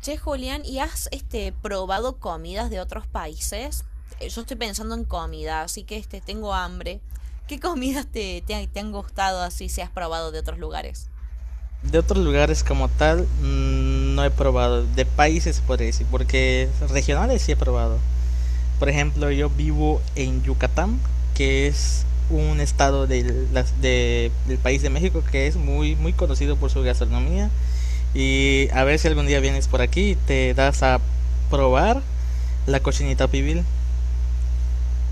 Che, Julián, ¿y has probado comidas de otros países? Yo estoy pensando en comida, así que tengo hambre. ¿Qué comidas te han gustado así si has probado de otros lugares? De otros lugares como tal, no he probado. De países por decir, porque regionales sí he probado. Por ejemplo, yo vivo en Yucatán, que es un estado del país de México que es muy conocido por su gastronomía. Y a ver si algún día vienes por aquí y te das a probar la cochinita pibil.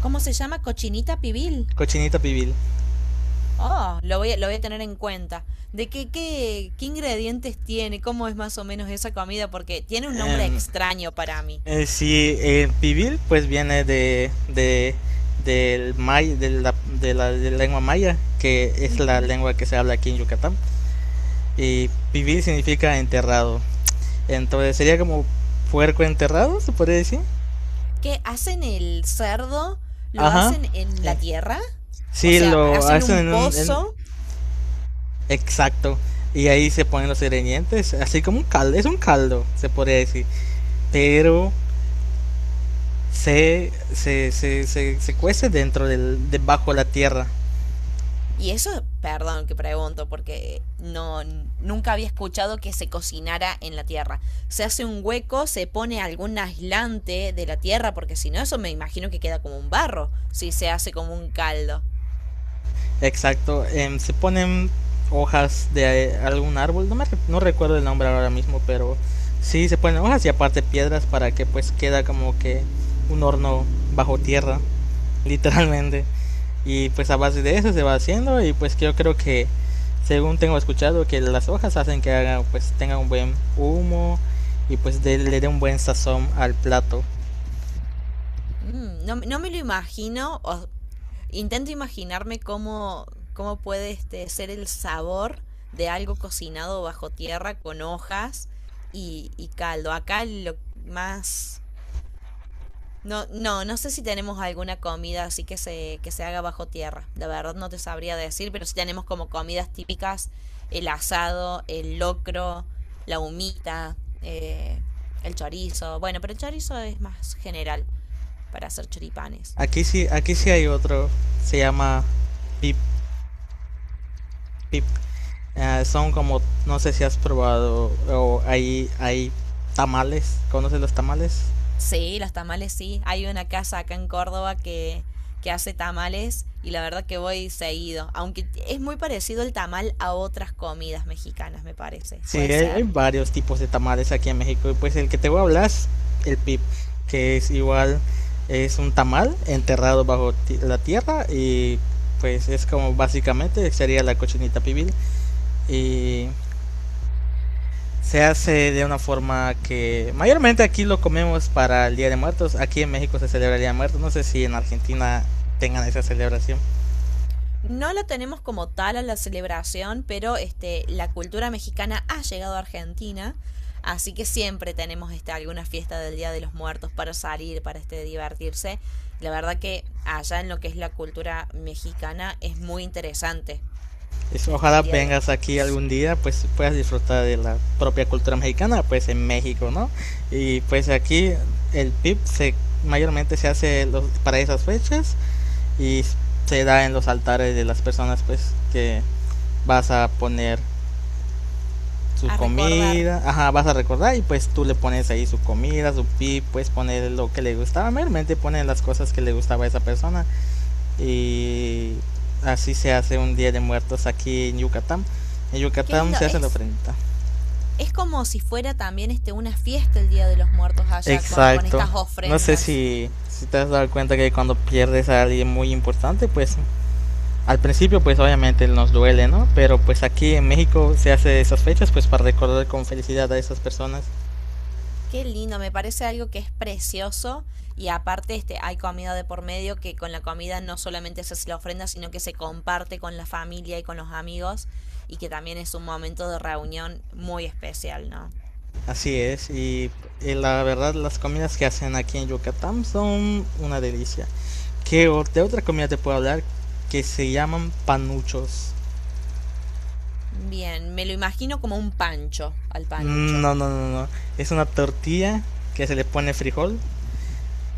¿Cómo se llama? Cochinita pibil. Cochinita pibil. Oh, lo voy a tener en cuenta. ¿Qué ingredientes tiene? ¿Cómo es más o menos esa comida? Porque tiene un nombre Em, extraño para mí. Sí, pibil pues viene de, del may, de la lengua maya, que es la Ujú. lengua que se habla aquí en Yucatán. Y pibil significa enterrado. Entonces sería como puerco enterrado, se podría decir. ¿Qué hacen el cerdo? ¿Lo Ajá. hacen en la Eh, tierra? O Sí, sea, lo hacen hacen un en un... pozo. Exacto. Y ahí se ponen los ingredientes, así como un caldo. Es un caldo, se podría decir. Pero se cuece debajo de la tierra. Y eso, perdón que pregunto, porque nunca había escuchado que se cocinara en la tierra. Se hace un hueco, se pone algún aislante de la tierra, porque si no, eso me imagino que queda como un barro, si se hace como un caldo. Exacto, se ponen hojas de algún árbol, no recuerdo el nombre ahora mismo, pero sí se ponen hojas y aparte piedras para que pues queda como que un horno bajo tierra, literalmente. Y pues a base de eso se va haciendo y pues yo creo que según tengo escuchado que las hojas hacen que haga pues tenga un buen humo y pues le dé un buen sazón al plato. Mm, no me lo imagino, o intento imaginarme cómo puede ser el sabor de algo cocinado bajo tierra con hojas y caldo. Acá lo más. No sé si tenemos alguna comida así que que se haga bajo tierra. La verdad no te sabría decir, pero sí tenemos como comidas típicas, el asado, el locro, la humita, eh, el chorizo. Bueno, pero el chorizo es más general para hacer choripanes. Aquí sí hay otro, se llama pip, pip. Eh, son como, no sé si has probado, hay tamales, ¿conoces los tamales? Sí, los tamales sí. Hay una casa acá en Córdoba que hace tamales y la verdad que voy seguido. Aunque es muy parecido el tamal a otras comidas mexicanas, me parece. Sí, ¿Puede hay ser? varios tipos de tamales aquí en México y pues el que te voy a hablar es el pip, que es igual, es un tamal enterrado bajo la tierra y pues es como básicamente sería la cochinita pibil y se hace de una forma que mayormente aquí lo comemos para el Día de Muertos, aquí en México se celebra el Día de Muertos, no sé si en Argentina tengan esa celebración. No lo tenemos como tal a la celebración, pero la cultura mexicana ha llegado a Argentina, así que siempre tenemos alguna fiesta del Día de los Muertos para salir, para divertirse. La verdad que allá en lo que es la cultura mexicana es muy interesante Eso, ojalá el Día de los vengas aquí Muertos. Sí. algún día, pues puedas disfrutar de la propia cultura mexicana, pues en México, ¿no? Y pues aquí el PIB mayormente se hace para esas fechas y se da en los altares de las personas, pues que vas a poner sus A recordar. comidas, ajá, vas a recordar y pues tú le pones Sí. ahí su comida, su PIB, puedes poner lo que le gustaba, mayormente ponen las cosas que le gustaba a esa persona y así se hace un Día de Muertos aquí en Yucatán. En Qué Yucatán lindo. se hace la ofrenda. Es como si fuera también una fiesta el Día de los Muertos allá con Exacto. estas No sé ofrendas. Si te has dado cuenta que cuando pierdes a alguien muy importante, pues al principio pues obviamente nos duele, ¿no? Pero pues aquí en México se hace esas fechas pues para recordar con felicidad a esas personas. Qué lindo, me parece algo que es precioso y aparte este hay comida de por medio que con la comida no solamente se hace la ofrenda, sino que se comparte con la familia y con los amigos y que también es un momento de reunión muy especial, ¿no? Así es, y la verdad las comidas que hacen aquí en Yucatán son una delicia. ¿De otra comida te puedo hablar? Que se llaman panuchos. Bien, me lo imagino como un pancho al panucho. No, no, no, no. Es una tortilla que se le pone frijol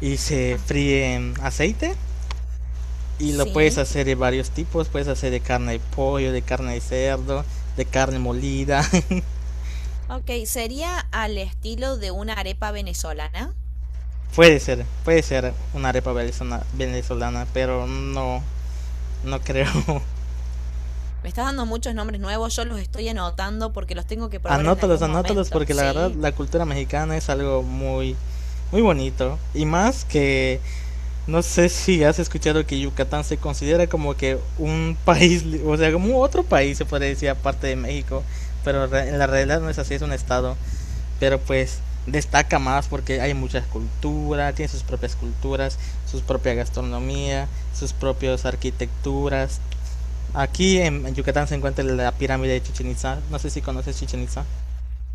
y se fríe en aceite. Y lo puedes Sí. hacer de varios tipos. Puedes hacer de carne de pollo, de carne de cerdo, de carne molida. Ok, sería al estilo de una arepa venezolana. Puede ser, puede ser una arepa venezolana, pero no, no creo. Me estás dando muchos nombres nuevos, yo los estoy anotando porque los tengo que probar en Anótalos, algún anótalos, momento. porque la verdad Sí. la cultura mexicana es algo muy bonito. Y más que no sé si has escuchado que Yucatán se considera como que un país, o sea, como otro país se puede decir aparte de México, pero en la realidad no es así, es un estado, pero pues destaca más porque hay muchas culturas, tiene sus propias culturas, su propia gastronomía, sus propias arquitecturas. Aquí en Yucatán se encuentra la pirámide de Chichen Itzá. No sé si conoces Chichen Itzá.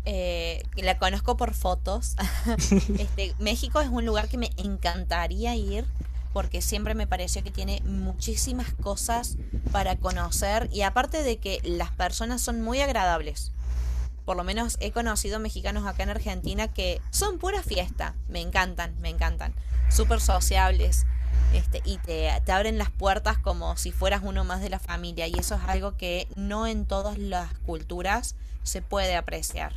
La conozco por fotos. México es un lugar que me encantaría ir porque siempre me pareció que tiene muchísimas cosas para conocer y aparte de que las personas son muy agradables. Por lo menos he conocido mexicanos acá en Argentina que son pura fiesta. Me encantan, me encantan. Súper sociables. Y te abren las puertas como si fueras uno más de la familia. Y eso es algo que no en todas las culturas se puede apreciar.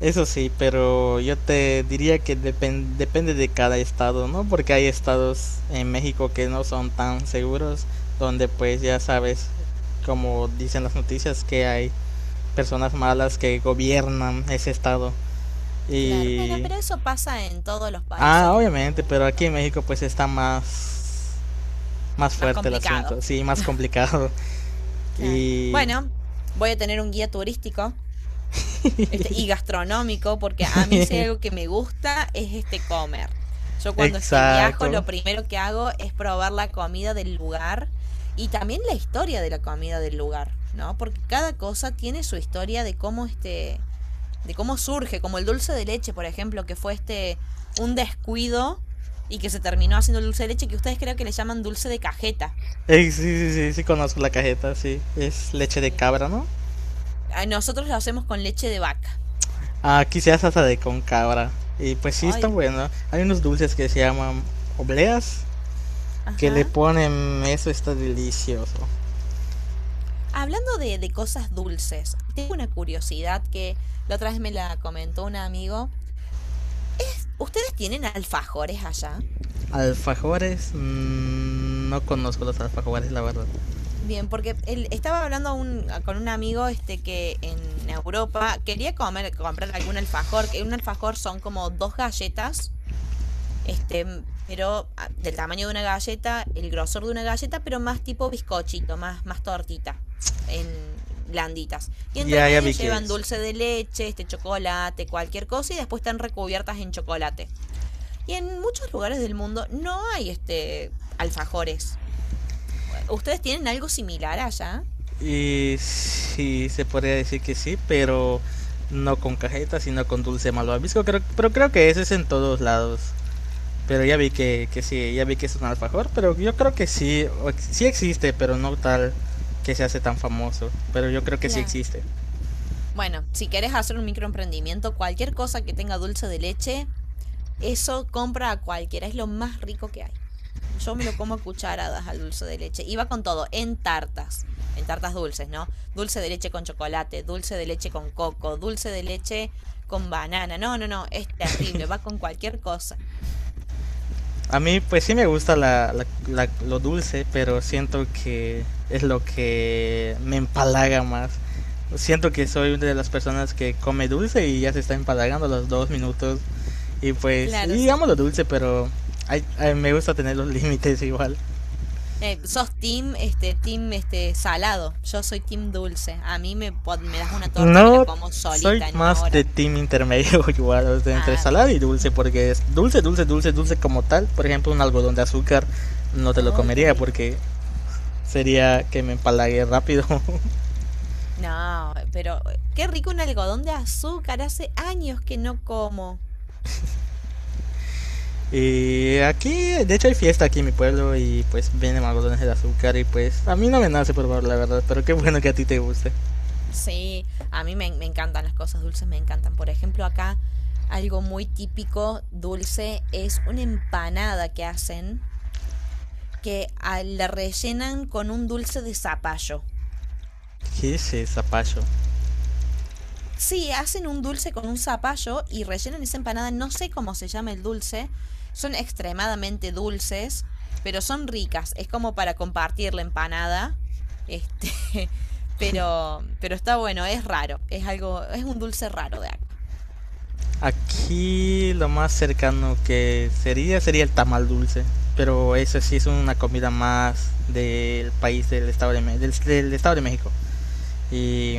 Eso sí, pero yo te diría que depende de cada estado, ¿no? Porque hay estados en México que no son tan seguros, donde pues ya sabes, como dicen las noticias, que hay personas malas que gobiernan ese estado. Claro, bueno, Y... pero eso pasa en todos los países Ah, del obviamente, pero aquí mundo. en México pues está más, más Más fuerte el complicado. asunto, sí, más complicado. Claro. Y... Bueno, voy a tener un guía turístico y gastronómico porque a mí si hay algo que me gusta es comer. Yo cuando viajo Exacto. lo primero que hago es probar la comida del lugar y también la historia de la comida del lugar, ¿no? Porque cada cosa tiene su historia de cómo de cómo surge, como el dulce de leche, por ejemplo, que fue un descuido y que se terminó haciendo el dulce de leche que ustedes creo que le llaman dulce de cajeta. Sí, conozco la cajeta, sí. Es leche de Sí. cabra, ¿no? Nosotros lo hacemos con leche de vaca. Aquí se hace salsa de con cabra. Y pues sí, está Ay, bueno. Hay unos dulces que se llaman obleas, que le ajá. ponen eso, está delicioso. Hablando de cosas dulces, tengo una curiosidad que la otra vez me la comentó un amigo. ¿Ustedes tienen alfajores allá? Alfajores, no conozco los alfajores, la verdad. Bien, porque él estaba hablando con un amigo este que en Europa quería comer, comprar algún alfajor, que un alfajor son como dos galletas, pero ah, del tamaño de una galleta, el grosor de una galleta, pero más tipo bizcochito, más tortita, en blanditas. Y entre Ya, ya medio vi que llevan es. dulce de leche, este chocolate, cualquier cosa, y después están recubiertas en chocolate. Y en muchos lugares del mundo no hay alfajores. ¿Ustedes tienen algo similar allá? Y sí, se podría decir que sí, pero no con cajeta, sino con dulce malvavisco. Creo, pero creo que ese es en todos lados. Pero ya vi que sí, ya vi que es un alfajor, pero yo creo que sí, sí existe, pero no tal que se hace tan famoso, pero yo creo que sí Claro. existe. Bueno, si querés hacer un microemprendimiento, cualquier cosa que tenga dulce de leche, eso compra a cualquiera, es lo más rico que hay. Yo me lo como a cucharadas al dulce de leche. Iba con todo, en tartas dulces, ¿no? Dulce de leche con chocolate, dulce de leche con coco, dulce de leche con banana. No, no, no, es terrible, va con cualquier cosa. A mí pues sí me gusta lo dulce, pero siento que es lo que me empalaga más. Siento que soy una de las personas que come dulce y ya se está empalagando a los 2 minutos. Y pues, Claro, s- digamos lo dulce, pero me gusta tener los límites igual. Sos team, team, salado. Yo soy team dulce. A me das una torta y me la No, como soy solita en una más de hora. team intermedio igual, entre Ah, salada y dulce, porque es dulce como tal. Por ejemplo, un algodón de azúcar no te lo ¡ay, qué comería rico! porque sería que me empalague rápido. No, pero qué rico un algodón de azúcar. Hace años que no como. Y aquí, de hecho, hay fiesta aquí en mi pueblo y pues vienen algodones de azúcar y pues a mí no me nace probar la verdad, pero qué bueno que a ti te guste. Sí, a me encantan las cosas dulces, me encantan. Por ejemplo, acá algo muy típico dulce es una empanada que hacen que ah, la rellenan con un dulce de zapallo. ¿Qué es esa pacho? Sí, hacen un dulce con un zapallo y rellenan esa empanada. No sé cómo se llama el dulce. Son extremadamente dulces, pero son ricas. Es como para compartir la empanada. Este, pero está bueno, es raro. Es un dulce raro de acá. Aquí lo más cercano que sería el tamal dulce, pero eso sí es una comida más del país del estado del estado de México. Y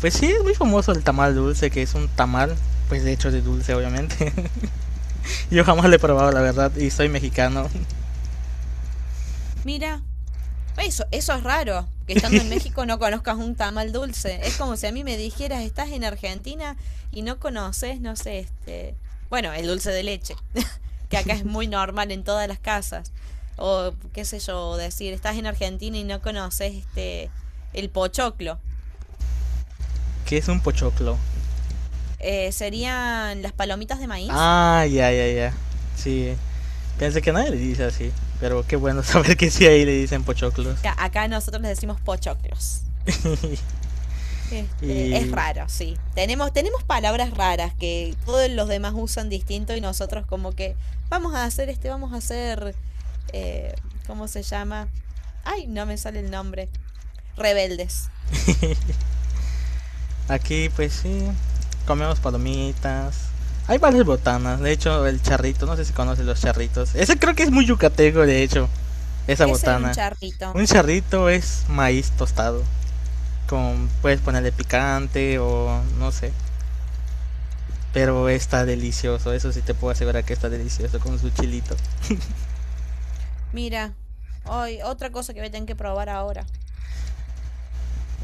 pues sí es muy famoso el tamal dulce, que es un tamal pues de hecho de dulce obviamente. Yo jamás lo he probado la verdad y soy mexicano, Mira, eso es raro, que estando en México no conozcas un tamal dulce. Es como si a mí me dijeras, estás en Argentina y no conoces, no sé, bueno, el dulce de leche, que acá es muy normal en todas las casas. O qué sé yo, decir, estás en Argentina y no conoces el pochoclo. que es un pochoclo. Serían las palomitas de maíz. Ah, ya, ya, ya. Sí, pensé que nadie le dice así, pero qué bueno saber que sí ahí le dicen pochoclos. Acá nosotros les decimos pochoclos. Es Y raro, sí. Tenemos palabras raras que todos los demás usan distinto y nosotros como que vamos a hacer, eh, ¿cómo se llama? Ay, no me sale el nombre. Rebeldes. aquí pues sí, comemos palomitas. Hay varias botanas, de hecho el charrito, no sé si conocen los charritos. Ese creo que es muy yucateco, de hecho, esa ¿Qué sería un botana. charrito? Un charrito es maíz tostado, con puedes ponerle picante o no sé, pero está delicioso, eso sí te puedo asegurar que está delicioso con su chilito. Mira, hoy otra cosa que voy a tener que probar ahora.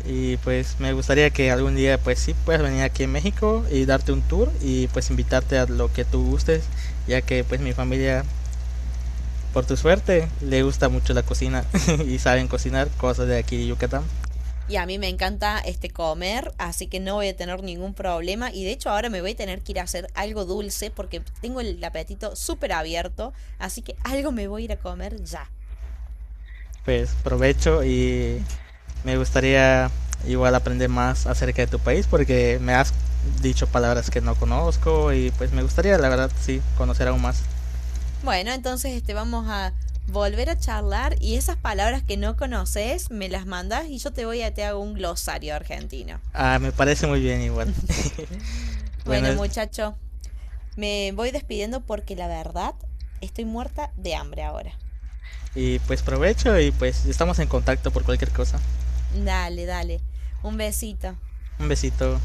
Y pues me gustaría que algún día pues sí puedas venir aquí en México y darte un tour y pues invitarte a lo que tú gustes, ya que pues mi familia por tu suerte, le gusta mucho la cocina y saben cocinar cosas de aquí de Yucatán. Y a mí me encanta comer, así que no voy a tener ningún problema. Y de hecho ahora me voy a tener que ir a hacer algo dulce porque tengo el apetito súper abierto. Así que algo me voy a ir a comer ya. Pues provecho y me gustaría igual aprender más acerca de tu país porque me has dicho palabras que no conozco y pues me gustaría la verdad sí conocer aún más. Bueno, entonces vamos a volver a charlar y esas palabras que no conoces me las mandas y yo te voy a te hago un glosario argentino. Ah, me parece muy bien igual. Bueno, Bueno, muchacho, me voy despidiendo porque la verdad estoy muerta de hambre ahora. y pues provecho y pues estamos en contacto por cualquier cosa. Dale, dale. Un besito. Un besito.